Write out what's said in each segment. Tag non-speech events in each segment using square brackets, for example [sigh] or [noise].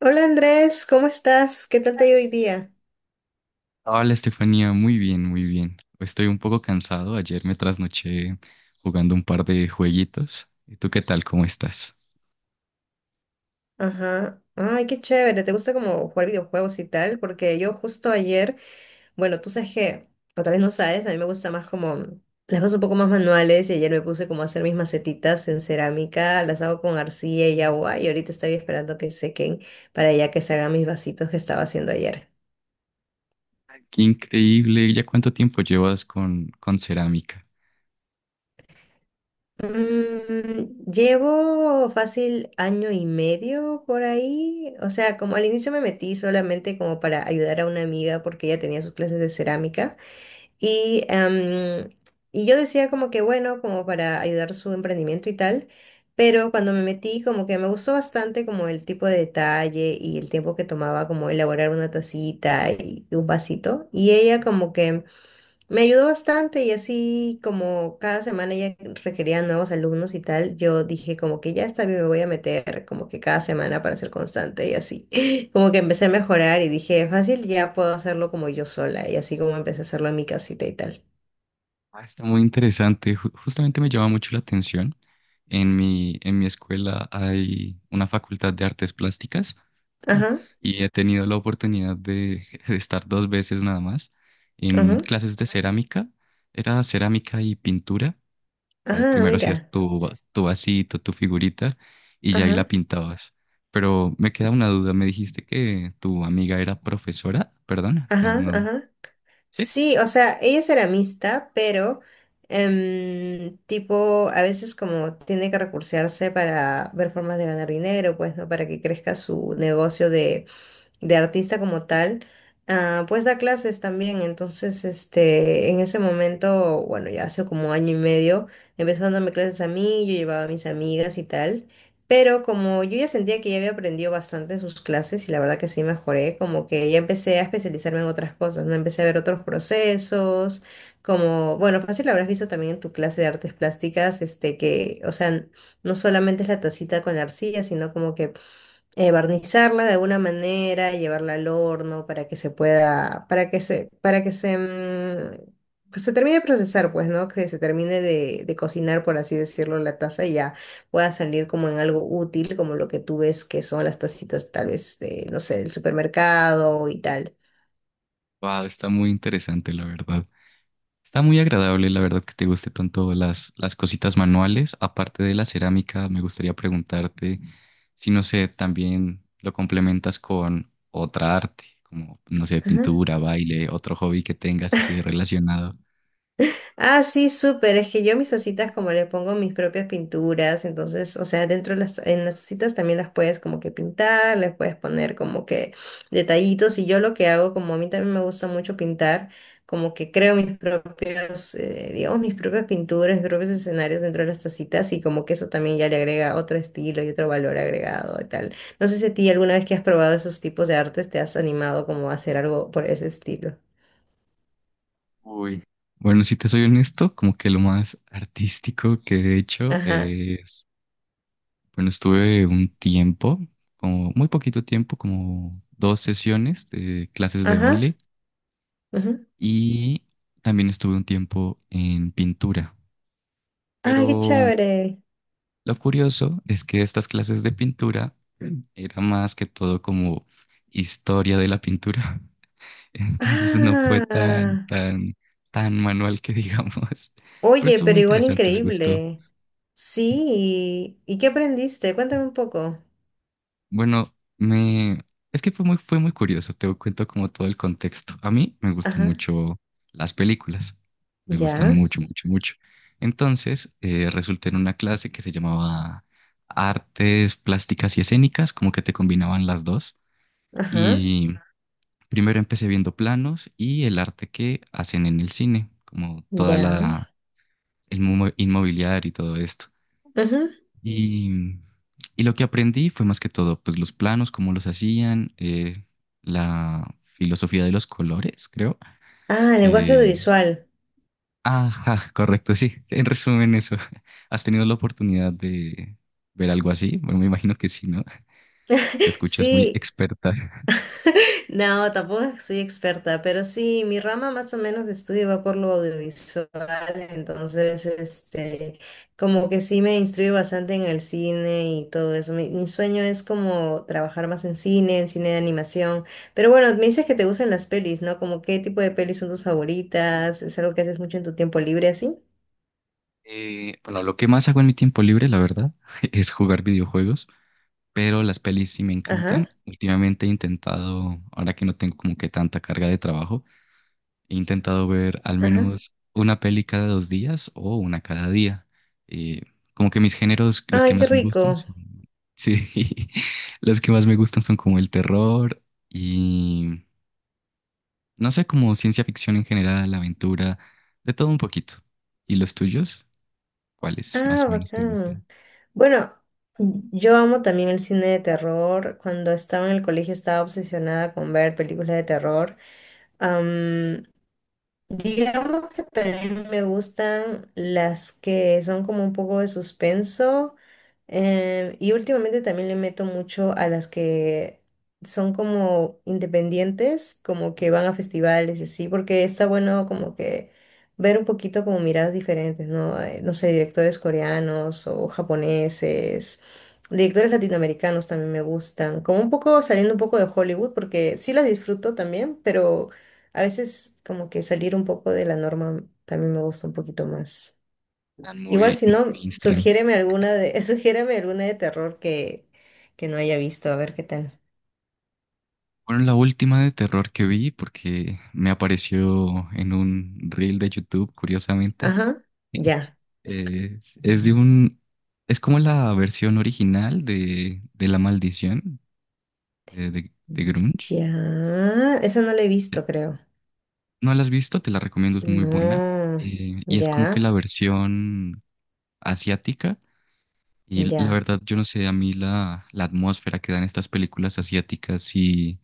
Hola Andrés, ¿cómo estás? ¿Qué tal te ha ido hoy día? Hola Estefanía, muy bien, muy bien. Estoy un poco cansado. Ayer me trasnoché jugando un par de jueguitos. ¿Y tú qué tal? ¿Cómo estás? Ajá. Ay, qué chévere. ¿Te gusta como jugar videojuegos y tal? Porque yo justo ayer, bueno, tú sabes que, o tal vez no sabes, a mí me gusta más como las cosas un poco más manuales y ayer me puse como a hacer mis macetitas en cerámica, las hago con arcilla y agua y ahorita estoy esperando que sequen para ya que se hagan mis vasitos que estaba haciendo ayer. Qué increíble. ¿Ya cuánto tiempo llevas con cerámica? Llevo fácil año y medio por ahí. O sea, como al inicio me metí solamente como para ayudar a una amiga porque ella tenía sus clases de cerámica. Y, y yo decía como que bueno, como para ayudar su emprendimiento y tal. Pero cuando me metí como que me gustó bastante como el tipo de detalle y el tiempo que tomaba como elaborar una tacita y un vasito. Y ella como que... Me ayudó bastante y así como cada semana ella requería nuevos alumnos y tal, yo dije como que ya está bien, me voy a meter como que cada semana para ser constante y así. [laughs] Como que empecé a mejorar y dije, fácil, ya puedo hacerlo como yo sola y así como empecé a hacerlo en mi casita y tal. Ah, está muy interesante. Justamente me llama mucho la atención. En mi escuela hay una facultad de artes plásticas Ajá, y he tenido la oportunidad de, [laughs] de estar 2 veces nada más en ajá, clases de cerámica. Era cerámica y pintura. Sea, ajá, primero hacías mira, tu vasito, tu figurita y ya ahí la ajá, pintabas. Pero me queda una duda, me dijiste que tu amiga era profesora, perdona, no, ajá, no, ajá. sí, Sí, o sea, ella es ceramista, pero tipo, a veces como tiene que recursearse para ver formas de ganar dinero, pues, ¿no? Para que crezca su negocio de artista como tal, ah, pues da clases también. Entonces, este, en ese momento, bueno, ya hace como año y medio, empezó dándome clases a mí, yo llevaba a mis amigas y tal. Pero como yo ya sentía que ya había aprendido bastante en sus clases y la verdad que sí mejoré, como que ya empecé a especializarme en otras cosas, ¿no? Empecé a ver otros procesos, como, bueno, fácil habrás visto también en tu clase de artes plásticas, este, que, o sea, no solamente es la tacita con la arcilla, sino como que barnizarla de alguna manera, llevarla al horno para que se pueda, para que se, mm, que se termine de procesar, pues, ¿no? Que se termine de cocinar, por así decirlo, la taza y ya pueda salir como en algo útil, como lo que tú ves que son las tacitas, tal vez, de, no sé, del supermercado y tal. wow, está muy interesante, la verdad. Está muy agradable, la verdad, que te guste tanto las cositas manuales. Aparte de la cerámica, me gustaría preguntarte si, no sé, también lo complementas con otra arte, como, no sé, pintura, baile, otro hobby que tengas así relacionado. Ah, sí, súper. Es que yo mis tacitas como le pongo mis propias pinturas, entonces, o sea, dentro en las tacitas también las puedes como que pintar, les puedes poner como que detallitos y yo lo que hago, como a mí también me gusta mucho pintar, como que creo mis propios, digamos, mis propias pinturas, mis propios escenarios dentro de las tacitas y como que eso también ya le agrega otro estilo y otro valor agregado y tal. No sé si a ti alguna vez que has probado esos tipos de artes te has animado como a hacer algo por ese estilo. Uy. Bueno, si te soy honesto, como que lo más artístico que he hecho Ajá, es, bueno, estuve un tiempo, como muy poquito tiempo, como 2 sesiones de clases de ajá. baile y también estuve un tiempo en pintura. Ah, qué Pero chévere. lo curioso es que estas clases de pintura era más que todo como historia de la pintura. [laughs] Entonces no fue tan, Ah, tan, tan manual que digamos, pero oye, estuvo muy pero igual interesante, me gustó. increíble. Sí. ¿Y qué aprendiste? Cuéntame un poco. Bueno, me... Es que fue muy curioso, te cuento como todo el contexto. A mí me gustan Ajá. mucho las películas, me gustan Ya. mucho, mucho, mucho. Entonces, resulté en una clase que se llamaba Artes Plásticas y Escénicas, como que te combinaban las dos. Ajá. Y primero empecé viendo planos y el arte que hacen en el cine, como toda Ya. la... inmobiliario y todo esto. Ajá. Y, y lo que aprendí fue más que todo, pues los planos, cómo los hacían, la filosofía de los colores, creo, Ah, lenguaje que... audiovisual. Ajá, correcto, sí. En resumen, eso. [laughs] ¿Has tenido la oportunidad de ver algo así? Bueno, me imagino que sí, ¿no? Te [laughs] escuchas muy Sí, experta. no, tampoco soy experta, pero sí, mi rama más o menos de estudio va por lo audiovisual, entonces, este, como que sí me instruyo bastante en el cine y todo eso. Mi sueño es como trabajar más en cine de animación. Pero bueno, me dices que te gustan las pelis, ¿no? Como qué tipo de pelis son tus favoritas, es algo que haces mucho en tu tiempo libre así. Bueno, lo que más hago en mi tiempo libre, la verdad, [laughs] es jugar videojuegos, pero las pelis sí me Ajá, encantan. Últimamente he intentado, ahora que no tengo como que tanta carga de trabajo, he intentado ver al ajá. menos una peli cada 2 días o una cada día. Eh, como que mis géneros, los que Ay, qué más me gustan rico. son, [laughs] sí, los que más me gustan son como el terror y, no sé, como ciencia ficción en general, aventura, de todo un poquito. ¿Y los tuyos? ¿Cuáles más Ah, o menos te gustan? bacán. Bueno, yo amo también el cine de terror. Cuando estaba en el colegio estaba obsesionada con ver películas de terror. Digamos que también me gustan las que son como un poco de suspenso y últimamente también le meto mucho a las que, son como independientes, como que van a festivales y así, porque está bueno como que ver un poquito como miradas diferentes, ¿no? No sé, directores coreanos o japoneses, directores latinoamericanos también me gustan, como un poco saliendo un poco de Hollywood, porque sí las disfruto también, pero a veces como que salir un poco de la norma también me gusta un poquito más. Están Igual muy, si muy no, mainstream. sugiéreme alguna de, [laughs] sugiéreme alguna de terror que no haya visto, a ver qué tal. Bueno, la última de terror que vi, porque me apareció en un reel de YouTube, curiosamente, Ajá, ya. Eh, es de un, es como la versión original de La Maldición de Grunge. Ya, esa no la he visto, creo. No la has visto, te la recomiendo, es muy buena. No, Y es como que la ya, versión asiática. Y la ya. verdad, yo no sé, a mí la, la atmósfera que dan estas películas asiáticas sí,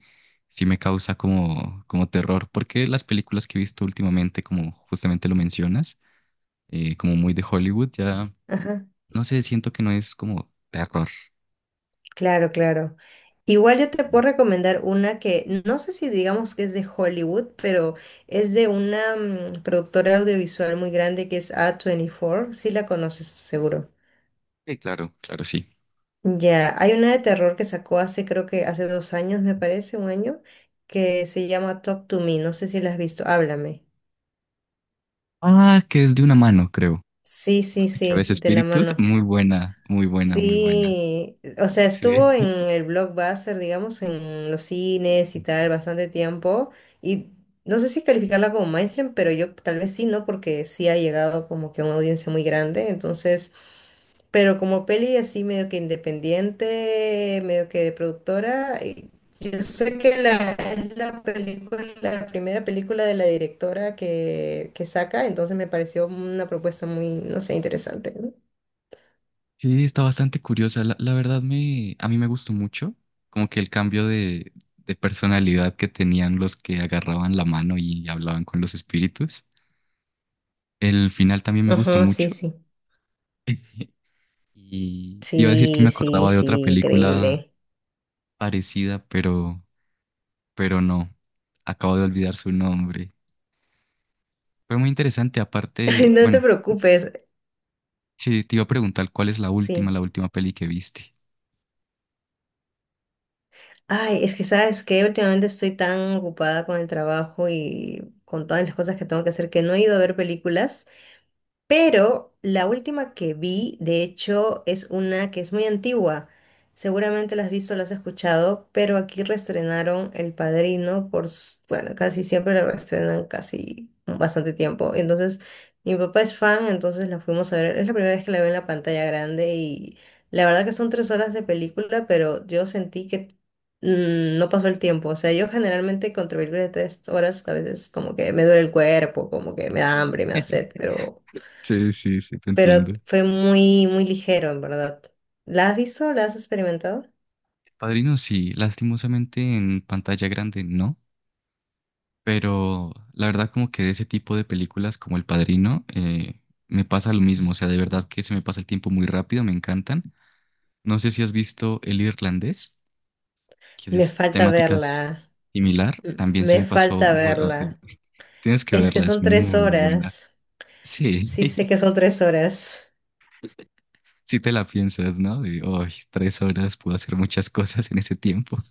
sí me causa como, como terror, porque las películas que he visto últimamente, como justamente lo mencionas, como muy de Hollywood, ya Ajá. no sé, siento que no es como terror. Claro, claro. Igual yo te puedo recomendar una que no sé si digamos que es de Hollywood, pero es de una productora audiovisual muy grande que es A24. Sí la conoces, seguro. Sí, claro, claro, sí. Ya, hay una de terror que sacó hace, creo que hace 2 años, me parece, un año, que se llama Talk to Me. No sé si la has visto. Háblame. Ah, que es de una mano, creo. Sí, sí, Que sí, ves de la espíritus. mano. Muy buena, muy buena, muy buena. Sí, o sea, Sí. estuvo en el Blockbuster, digamos, en los cines y tal, bastante tiempo. Y no sé si calificarla como mainstream, pero yo tal vez sí, ¿no? Porque sí ha llegado como que a una audiencia muy grande. Entonces, pero como peli así medio que independiente, medio que de productora, y yo sé que es la primera película de la directora que saca, entonces me pareció una propuesta muy, no sé, interesante, ¿no? Sí, está bastante curiosa. La verdad a mí me gustó mucho. Como que el cambio de personalidad que tenían los que agarraban la mano y hablaban con los espíritus. El final también me gustó Ajá, mucho. sí, sí. [laughs] Y te iba a decir que me Sí, sí, acordaba de otra sí, película increíble. parecida, pero no. Acabo de olvidar su nombre. Fue muy interesante. [laughs] Ay, Aparte, no te bueno. preocupes, Sí, te iba a preguntar cuál es la última, sí. la última peli que viste. Ay, es que sabes que últimamente estoy tan ocupada con el trabajo y con todas las cosas que tengo que hacer que no he ido a ver películas. Pero la última que vi, de hecho, es una que es muy antigua. Seguramente la has visto, la has escuchado, pero aquí reestrenaron El Padrino por, bueno, casi siempre la reestrenan casi bastante tiempo. Entonces, mi papá es fan, entonces la fuimos a ver. Es la primera vez que la veo en la pantalla grande y la verdad que son 3 horas de película, pero yo sentí que no pasó el tiempo. O sea, yo generalmente con películas de 3 horas a veces como que me duele el cuerpo, como que me da hambre, me da sed, pero Sí, sí, sí, te entiendo. fue muy, muy ligero, en verdad. ¿La has visto? ¿La has experimentado? Padrino, sí, lastimosamente en pantalla grande no, pero la verdad como que de ese tipo de películas como El Padrino me pasa lo mismo, o sea, de verdad que se me pasa el tiempo muy rápido, me encantan. No sé si has visto El Irlandés, que Me es falta temática verla. similar, también se Me me pasó falta muy rápido. verla. Tienes que Es que verla, es son tres muy buena. horas. Sí. Sí, sé que [laughs] son 3 horas. Si te la piensas, ¿no? De, "Ay, 3 horas, puedo hacer muchas cosas en ese tiempo."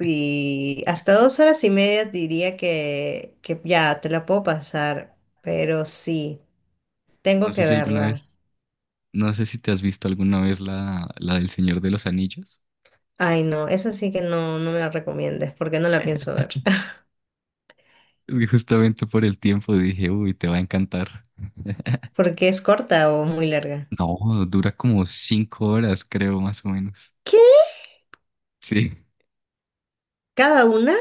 Y hasta 2 horas y media diría que ya te la puedo pasar. Pero sí, No tengo sé que si alguna verla. vez, no sé si te has visto alguna vez la del Señor de los Anillos. Ay, no, esa sí que no, no me la recomiendes porque no la pienso ver. [laughs] Es que justamente por el tiempo dije, uy, te va a encantar. Porque es corta o muy larga. No, dura como 5 horas, creo, más o menos. ¿Qué? Sí. ¿Cada una?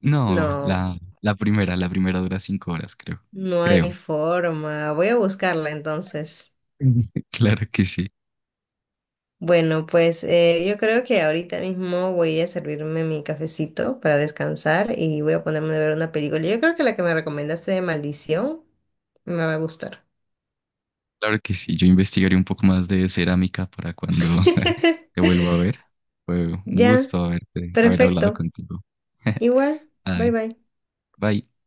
No, No, la primera dura 5 horas, creo. no hay Creo. forma. Voy a buscarla entonces. [laughs] Claro que sí. Bueno, pues yo creo que ahorita mismo voy a servirme mi cafecito para descansar y voy a ponerme a ver una película. Yo creo que la que me recomendaste de Maldición me va a gustar. Claro que sí, yo investigaré un poco más de cerámica para cuando [laughs] te [laughs] vuelva a ver. Fue un Ya, gusto haberte, haber hablado perfecto. contigo. [laughs] Igual, bye Ay, bye. bye.